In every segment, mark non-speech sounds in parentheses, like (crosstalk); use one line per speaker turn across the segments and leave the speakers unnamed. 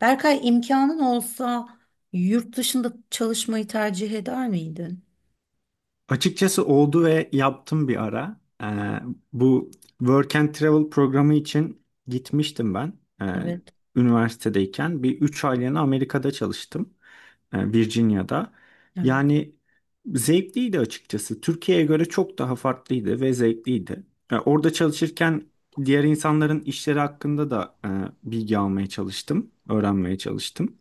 Berkay, imkanın olsa yurt dışında çalışmayı tercih eder miydin?
Açıkçası oldu ve yaptım bir ara. Bu Work and Travel programı için gitmiştim ben. Ee,
Evet.
Üniversitedeyken bir 3 aylığına Amerika'da çalıştım. Virginia'da.
Evet.
Yani zevkliydi açıkçası. Türkiye'ye göre çok daha farklıydı ve zevkliydi. Orada çalışırken diğer insanların işleri hakkında da bilgi almaya çalıştım, öğrenmeye çalıştım.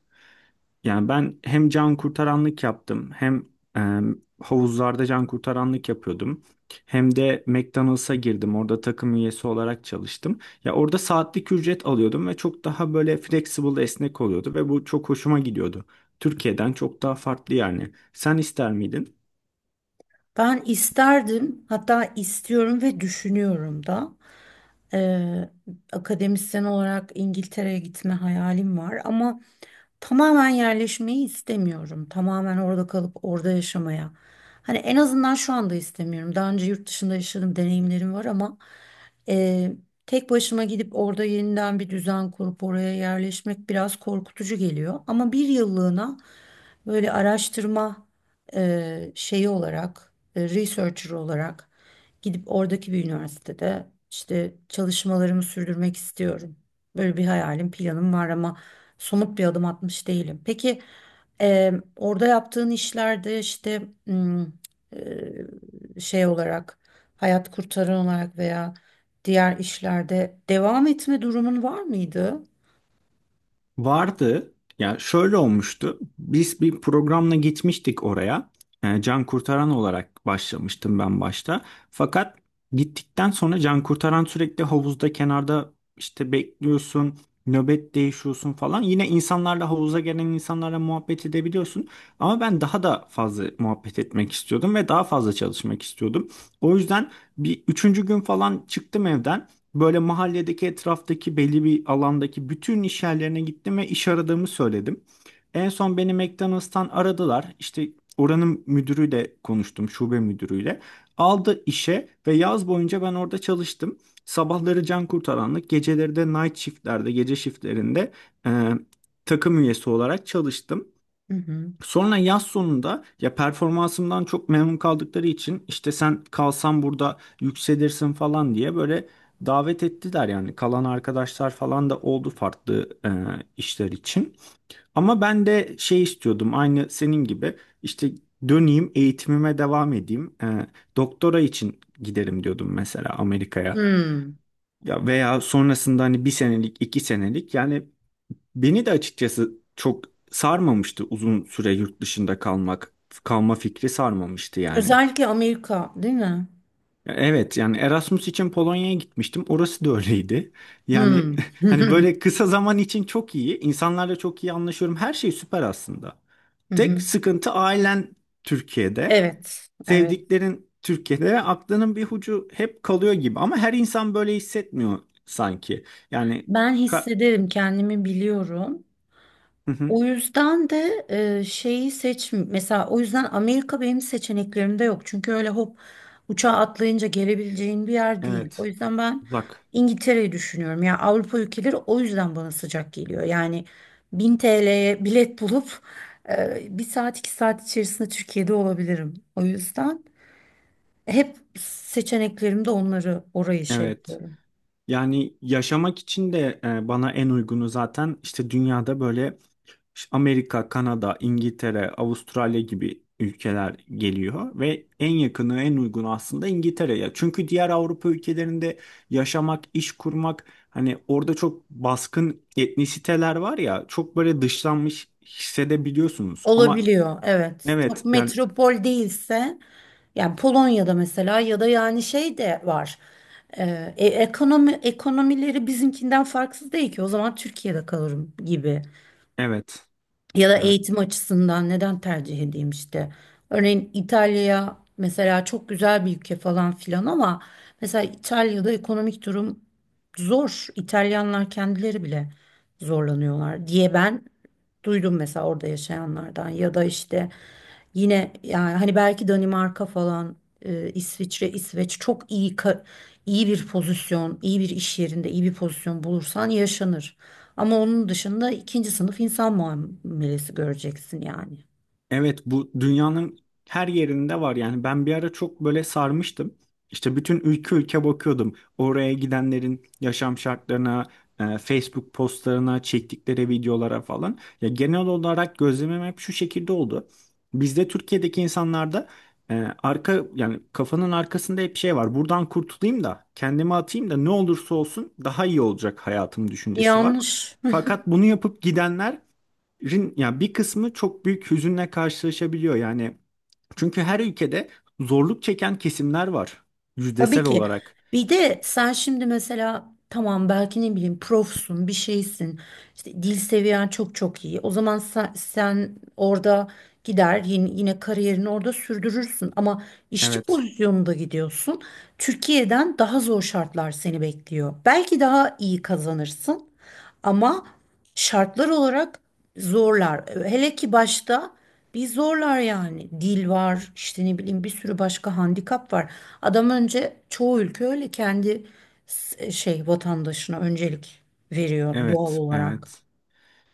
Yani ben hem can kurtaranlık yaptım hem e, havuzlarda can kurtaranlık yapıyordum. Hem de McDonald's'a girdim. Orada takım üyesi olarak çalıştım. Ya orada saatlik ücret alıyordum ve çok daha böyle flexible, esnek oluyordu ve bu çok hoşuma gidiyordu. Türkiye'den çok daha farklı yani. Sen ister miydin?
Ben isterdim, hatta istiyorum ve düşünüyorum da. Ee, Akademisyen olarak İngiltere'ye gitme hayalim var ama tamamen yerleşmeyi istemiyorum. Tamamen orada kalıp orada yaşamaya. Hani en azından şu anda istemiyorum. Daha önce yurt dışında yaşadığım deneyimlerim var ama e, tek başıma gidip orada yeniden bir düzen kurup oraya yerleşmek biraz korkutucu geliyor. Ama bir yıllığına böyle araştırma şeyi olarak, researcher olarak gidip oradaki bir üniversitede işte çalışmalarımı sürdürmek istiyorum. Böyle bir hayalim, planım var ama somut bir adım atmış değilim. Peki orada yaptığın işlerde işte hmm, şey olarak hayat kurtaran olarak veya diğer işlerde devam etme durumun var mıydı?
Vardı. Ya şöyle olmuştu. Biz bir programla gitmiştik oraya. Can kurtaran olarak başlamıştım ben başta. Fakat gittikten sonra can kurtaran sürekli havuzda kenarda işte bekliyorsun, nöbet değişiyorsun falan. Yine insanlarla havuza gelen insanlarla muhabbet edebiliyorsun. Ama ben daha da fazla muhabbet etmek istiyordum ve daha fazla çalışmak istiyordum. O yüzden bir üçüncü gün falan çıktım evden. Böyle mahalledeki etraftaki belli bir alandaki bütün iş yerlerine gittim ve iş aradığımı söyledim. En son beni McDonald's'tan aradılar. İşte oranın müdürüyle konuştum, şube müdürüyle. Aldı işe ve yaz boyunca ben orada çalıştım. Sabahları can kurtaranlık, geceleri de night shiftlerde, gece shiftlerinde e, takım üyesi olarak çalıştım.
Hı hı.
Sonra yaz sonunda ya performansımdan çok memnun kaldıkları için işte sen kalsan burada yükselirsin falan diye böyle davet ettiler, yani kalan arkadaşlar falan da oldu farklı işler için. Ama ben de şey istiyordum, aynı senin gibi işte döneyim, eğitimime devam edeyim. Doktora için giderim diyordum mesela Amerika'ya.
Hmm.
Ya veya sonrasında hani bir senelik, iki senelik yani. Beni de açıkçası çok sarmamıştı uzun süre yurt dışında kalmak. Kalma fikri sarmamıştı yani.
Özellikle Amerika, değil mi?
Evet, yani Erasmus için Polonya'ya gitmiştim. Orası da öyleydi. Yani
Hmm.
(laughs) hani
(laughs)
böyle kısa zaman için çok iyi. İnsanlarla çok iyi anlaşıyorum. Her şey süper aslında.
Hı
Tek
hı.
sıkıntı ailen Türkiye'de.
Evet, evet.
Sevdiklerin Türkiye'de ve aklının bir ucu hep kalıyor gibi. Ama her insan böyle hissetmiyor sanki. Yani
Ben
ka-
hissederim, kendimi biliyorum.
Hı hı.
O yüzden de şeyi seç mesela, o yüzden Amerika benim seçeneklerimde yok. Çünkü öyle hop uçağa atlayınca gelebileceğin bir yer değil. O
Evet.
yüzden ben
Uzak.
İngiltere'yi düşünüyorum. Ya Avrupa ülkeleri o yüzden bana sıcak geliyor. Yani 1000 TL'ye bilet bulup bir saat iki saat içerisinde Türkiye'de olabilirim. O yüzden hep seçeneklerimde onları, orayı şey
Evet.
yapıyorum.
Yani yaşamak için de bana en uygunu zaten işte dünyada böyle Amerika, Kanada, İngiltere, Avustralya gibi ülkeler geliyor ve en yakını, en uygunu aslında İngiltere'ye. Çünkü diğer Avrupa ülkelerinde yaşamak, iş kurmak, hani orada çok baskın etnisiteler var ya, çok böyle dışlanmış hissedebiliyorsunuz. Ama
Olabiliyor, evet. Çok
evet yani,
metropol değilse, yani Polonya'da mesela, ya da yani şey de var. Ekonomileri bizimkinden farksız değil ki. O zaman Türkiye'de kalırım gibi.
evet,
Ya da
evet.
eğitim açısından neden tercih edeyim işte. Örneğin İtalya mesela çok güzel bir ülke falan filan ama mesela İtalya'da ekonomik durum zor. İtalyanlar kendileri bile zorlanıyorlar diye ben duydum mesela orada yaşayanlardan ya da işte yine yani hani belki Danimarka falan, İsviçre, İsveç çok iyi. İyi bir pozisyon, iyi bir iş yerinde iyi bir pozisyon bulursan yaşanır. Ama onun dışında ikinci sınıf insan muamelesi göreceksin yani.
Evet, bu dünyanın her yerinde var yani. Ben bir ara çok böyle sarmıştım. İşte bütün ülke ülke bakıyordum. Oraya gidenlerin yaşam şartlarına, Facebook postlarına, çektikleri videolara falan. Ya genel olarak gözlemim hep şu şekilde oldu. Bizde, Türkiye'deki insanlarda, e, arka yani kafanın arkasında hep şey var. Buradan kurtulayım da kendimi atayım da ne olursa olsun daha iyi olacak hayatım düşüncesi var.
Yanlış. Hı.
Fakat bunu yapıp gidenler, yani bir kısmı çok büyük hüzünle karşılaşabiliyor yani. Çünkü her ülkede zorluk çeken kesimler var
Tabii
yüzdesel
ki.
olarak.
Bir de sen şimdi mesela, tamam, belki ne bileyim profsun, bir şeysin. İşte dil seviyen çok iyi. O zaman sen orada gider, yine kariyerini orada sürdürürsün. Ama işçi
Evet,
pozisyonunda gidiyorsun. Türkiye'den daha zor şartlar seni bekliyor. Belki daha iyi kazanırsın ama şartlar olarak zorlar. Hele ki başta bir zorlar yani. Dil var, işte ne bileyim bir sürü başka handikap var. Adam, önce çoğu ülke öyle kendi şey vatandaşına öncelik veriyor doğal
evet,
olarak.
evet.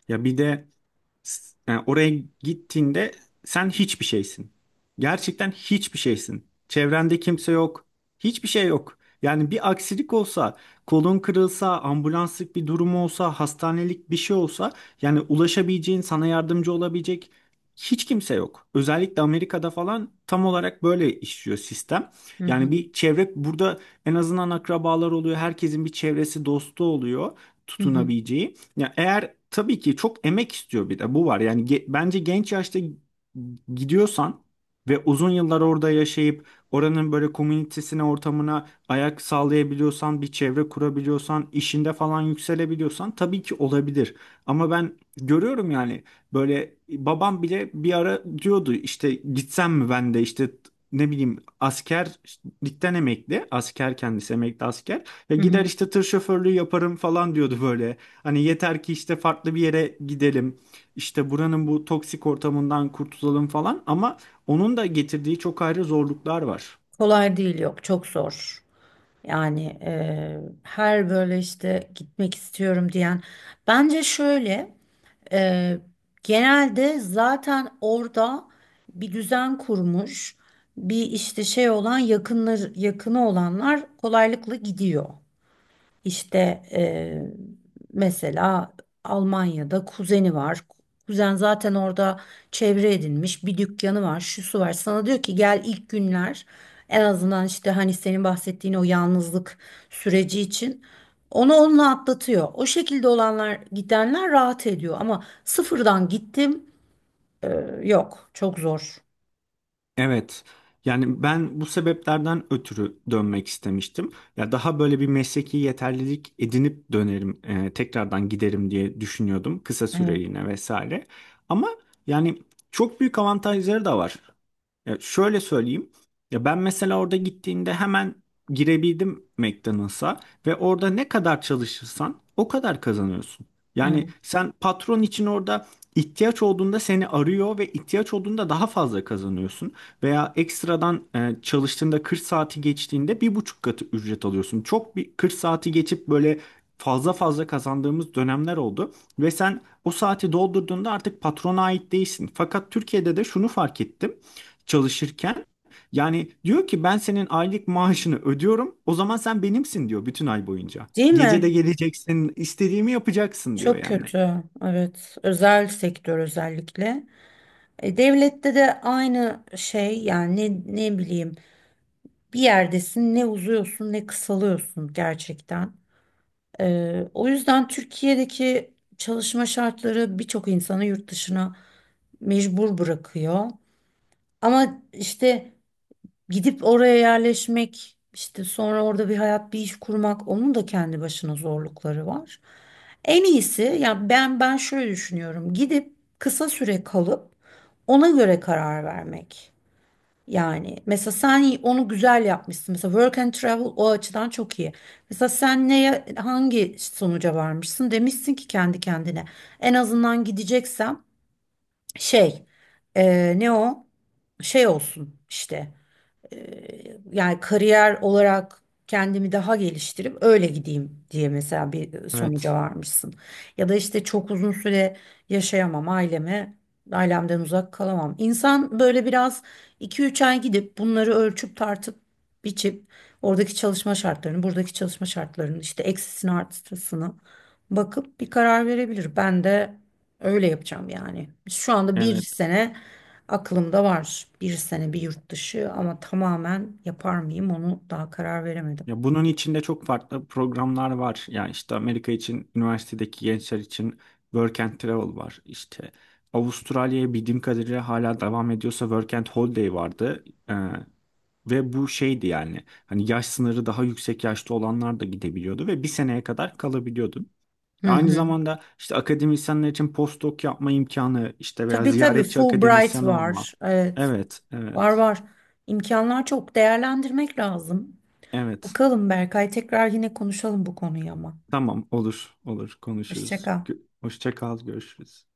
Ya bir de yani oraya gittiğinde sen hiçbir şeysin. Gerçekten hiçbir şeysin. Çevrende kimse yok. Hiçbir şey yok. Yani bir aksilik olsa, kolun kırılsa, ambulanslık bir durum olsa, hastanelik bir şey olsa, yani ulaşabileceğin, sana yardımcı olabilecek hiç kimse yok. Özellikle Amerika'da falan tam olarak böyle işliyor sistem.
Hı
Yani
hı,
bir çevre burada en azından akrabalar oluyor. Herkesin bir çevresi, dostu oluyor
hı hı,
tutunabileceği. Ya eğer, tabii ki çok emek istiyor, bir de bu var. Yani bence genç yaşta gidiyorsan ve uzun yıllar orada yaşayıp oranın böyle komünitesine, ortamına ayak sağlayabiliyorsan, bir çevre kurabiliyorsan, işinde falan yükselebiliyorsan tabii ki olabilir. Ama ben görüyorum yani, böyle babam bile bir ara diyordu işte gitsem mi ben de, işte ne bileyim askerlikten emekli, asker, kendisi emekli asker. Ya
hı
gider
hı.
işte tır şoförlüğü yaparım falan diyordu böyle. Hani yeter ki işte farklı bir yere gidelim. İşte buranın bu toksik ortamından kurtulalım falan, ama onun da getirdiği çok ayrı zorluklar var.
Kolay değil, yok, çok zor. Yani her böyle işte gitmek istiyorum diyen. Bence şöyle. Eee, Genelde zaten orada bir düzen kurmuş, bir işte şey olan yakınlar, yakını olanlar kolaylıkla gidiyor. İşte mesela Almanya'da kuzeni var. Kuzen zaten orada çevre edinmiş, bir dükkanı var, şusu var. Sana diyor ki gel, ilk günler en azından işte hani senin bahsettiğin o yalnızlık süreci için onunla atlatıyor. O şekilde olanlar, gidenler rahat ediyor ama sıfırdan gittim yok, çok zor.
Evet. Yani ben bu sebeplerden ötürü dönmek istemiştim. Ya daha böyle bir mesleki yeterlilik edinip dönerim, tekrardan giderim diye düşünüyordum kısa
Evet,
süreliğine vesaire. Ama yani çok büyük avantajları da var. Ya şöyle söyleyeyim. Ya ben mesela orada gittiğimde hemen girebildim McDonald's'a ve orada ne kadar çalışırsan o kadar kazanıyorsun. Yani
evet.
sen patron için orada ihtiyaç olduğunda seni arıyor ve ihtiyaç olduğunda daha fazla kazanıyorsun. Veya ekstradan çalıştığında 40 saati geçtiğinde bir buçuk katı ücret alıyorsun. Çok bir 40 saati geçip böyle fazla fazla kazandığımız dönemler oldu. Ve sen o saati doldurduğunda artık patrona ait değilsin. Fakat Türkiye'de de şunu fark ettim çalışırken. Yani diyor ki ben senin aylık maaşını ödüyorum. O zaman sen benimsin diyor bütün ay boyunca.
Değil
Gece de
mi?
geleceksin, istediğimi yapacaksın diyor
Çok
yani.
kötü. Evet. Özel sektör özellikle. Devlette de aynı şey yani, ne bileyim, bir yerdesin, ne uzuyorsun ne kısalıyorsun gerçekten. O yüzden Türkiye'deki çalışma şartları birçok insanı yurt dışına mecbur bırakıyor. Ama işte gidip oraya yerleşmek, işte sonra orada bir hayat, bir iş kurmak, onun da kendi başına zorlukları var. En iyisi, ya ben şöyle düşünüyorum, gidip kısa süre kalıp ona göre karar vermek. Yani mesela sen onu güzel yapmışsın. Mesela work and travel o açıdan çok iyi. Mesela sen neye, hangi sonuca varmışsın demişsin ki kendi kendine. En azından gideceksem şey, e, ne o şey olsun işte. Yani kariyer olarak kendimi daha geliştirip öyle gideyim diye mesela bir sonuca
Evet,
varmışsın. Ya da işte çok uzun süre yaşayamam aileme, ailemden uzak kalamam. İnsan böyle biraz 2 3 ay gidip bunları ölçüp tartıp biçip oradaki çalışma şartlarını, buradaki çalışma şartlarını, işte eksisini artısını bakıp bir karar verebilir. Ben de öyle yapacağım yani. Şu anda bir
evet.
sene aklımda var, bir sene bir yurt dışı, ama tamamen yapar mıyım onu daha karar veremedim.
Ya bunun içinde çok farklı programlar var. Yani işte Amerika için, üniversitedeki gençler için Work and Travel var. İşte Avustralya'ya bildiğim kadarıyla hala devam ediyorsa Work and Holiday vardı. Ee, Ve bu şeydi yani. Hani yaş sınırı daha yüksek yaşta olanlar da gidebiliyordu ve bir seneye kadar kalabiliyordu.
Hı
Aynı
hı.
zamanda işte akademisyenler için postdoc yapma imkanı işte veya
Tabii tabii,
ziyaretçi
Fulbright
akademisyen olma.
var. Evet,
Evet,
var
evet,
var. İmkanlar çok, değerlendirmek lazım.
evet.
Bakalım Berkay, tekrar yine konuşalım bu konuyu ama.
Tamam, olur, olur,
Hoşça
konuşuruz.
kal.
Hoşça kal, görüşürüz.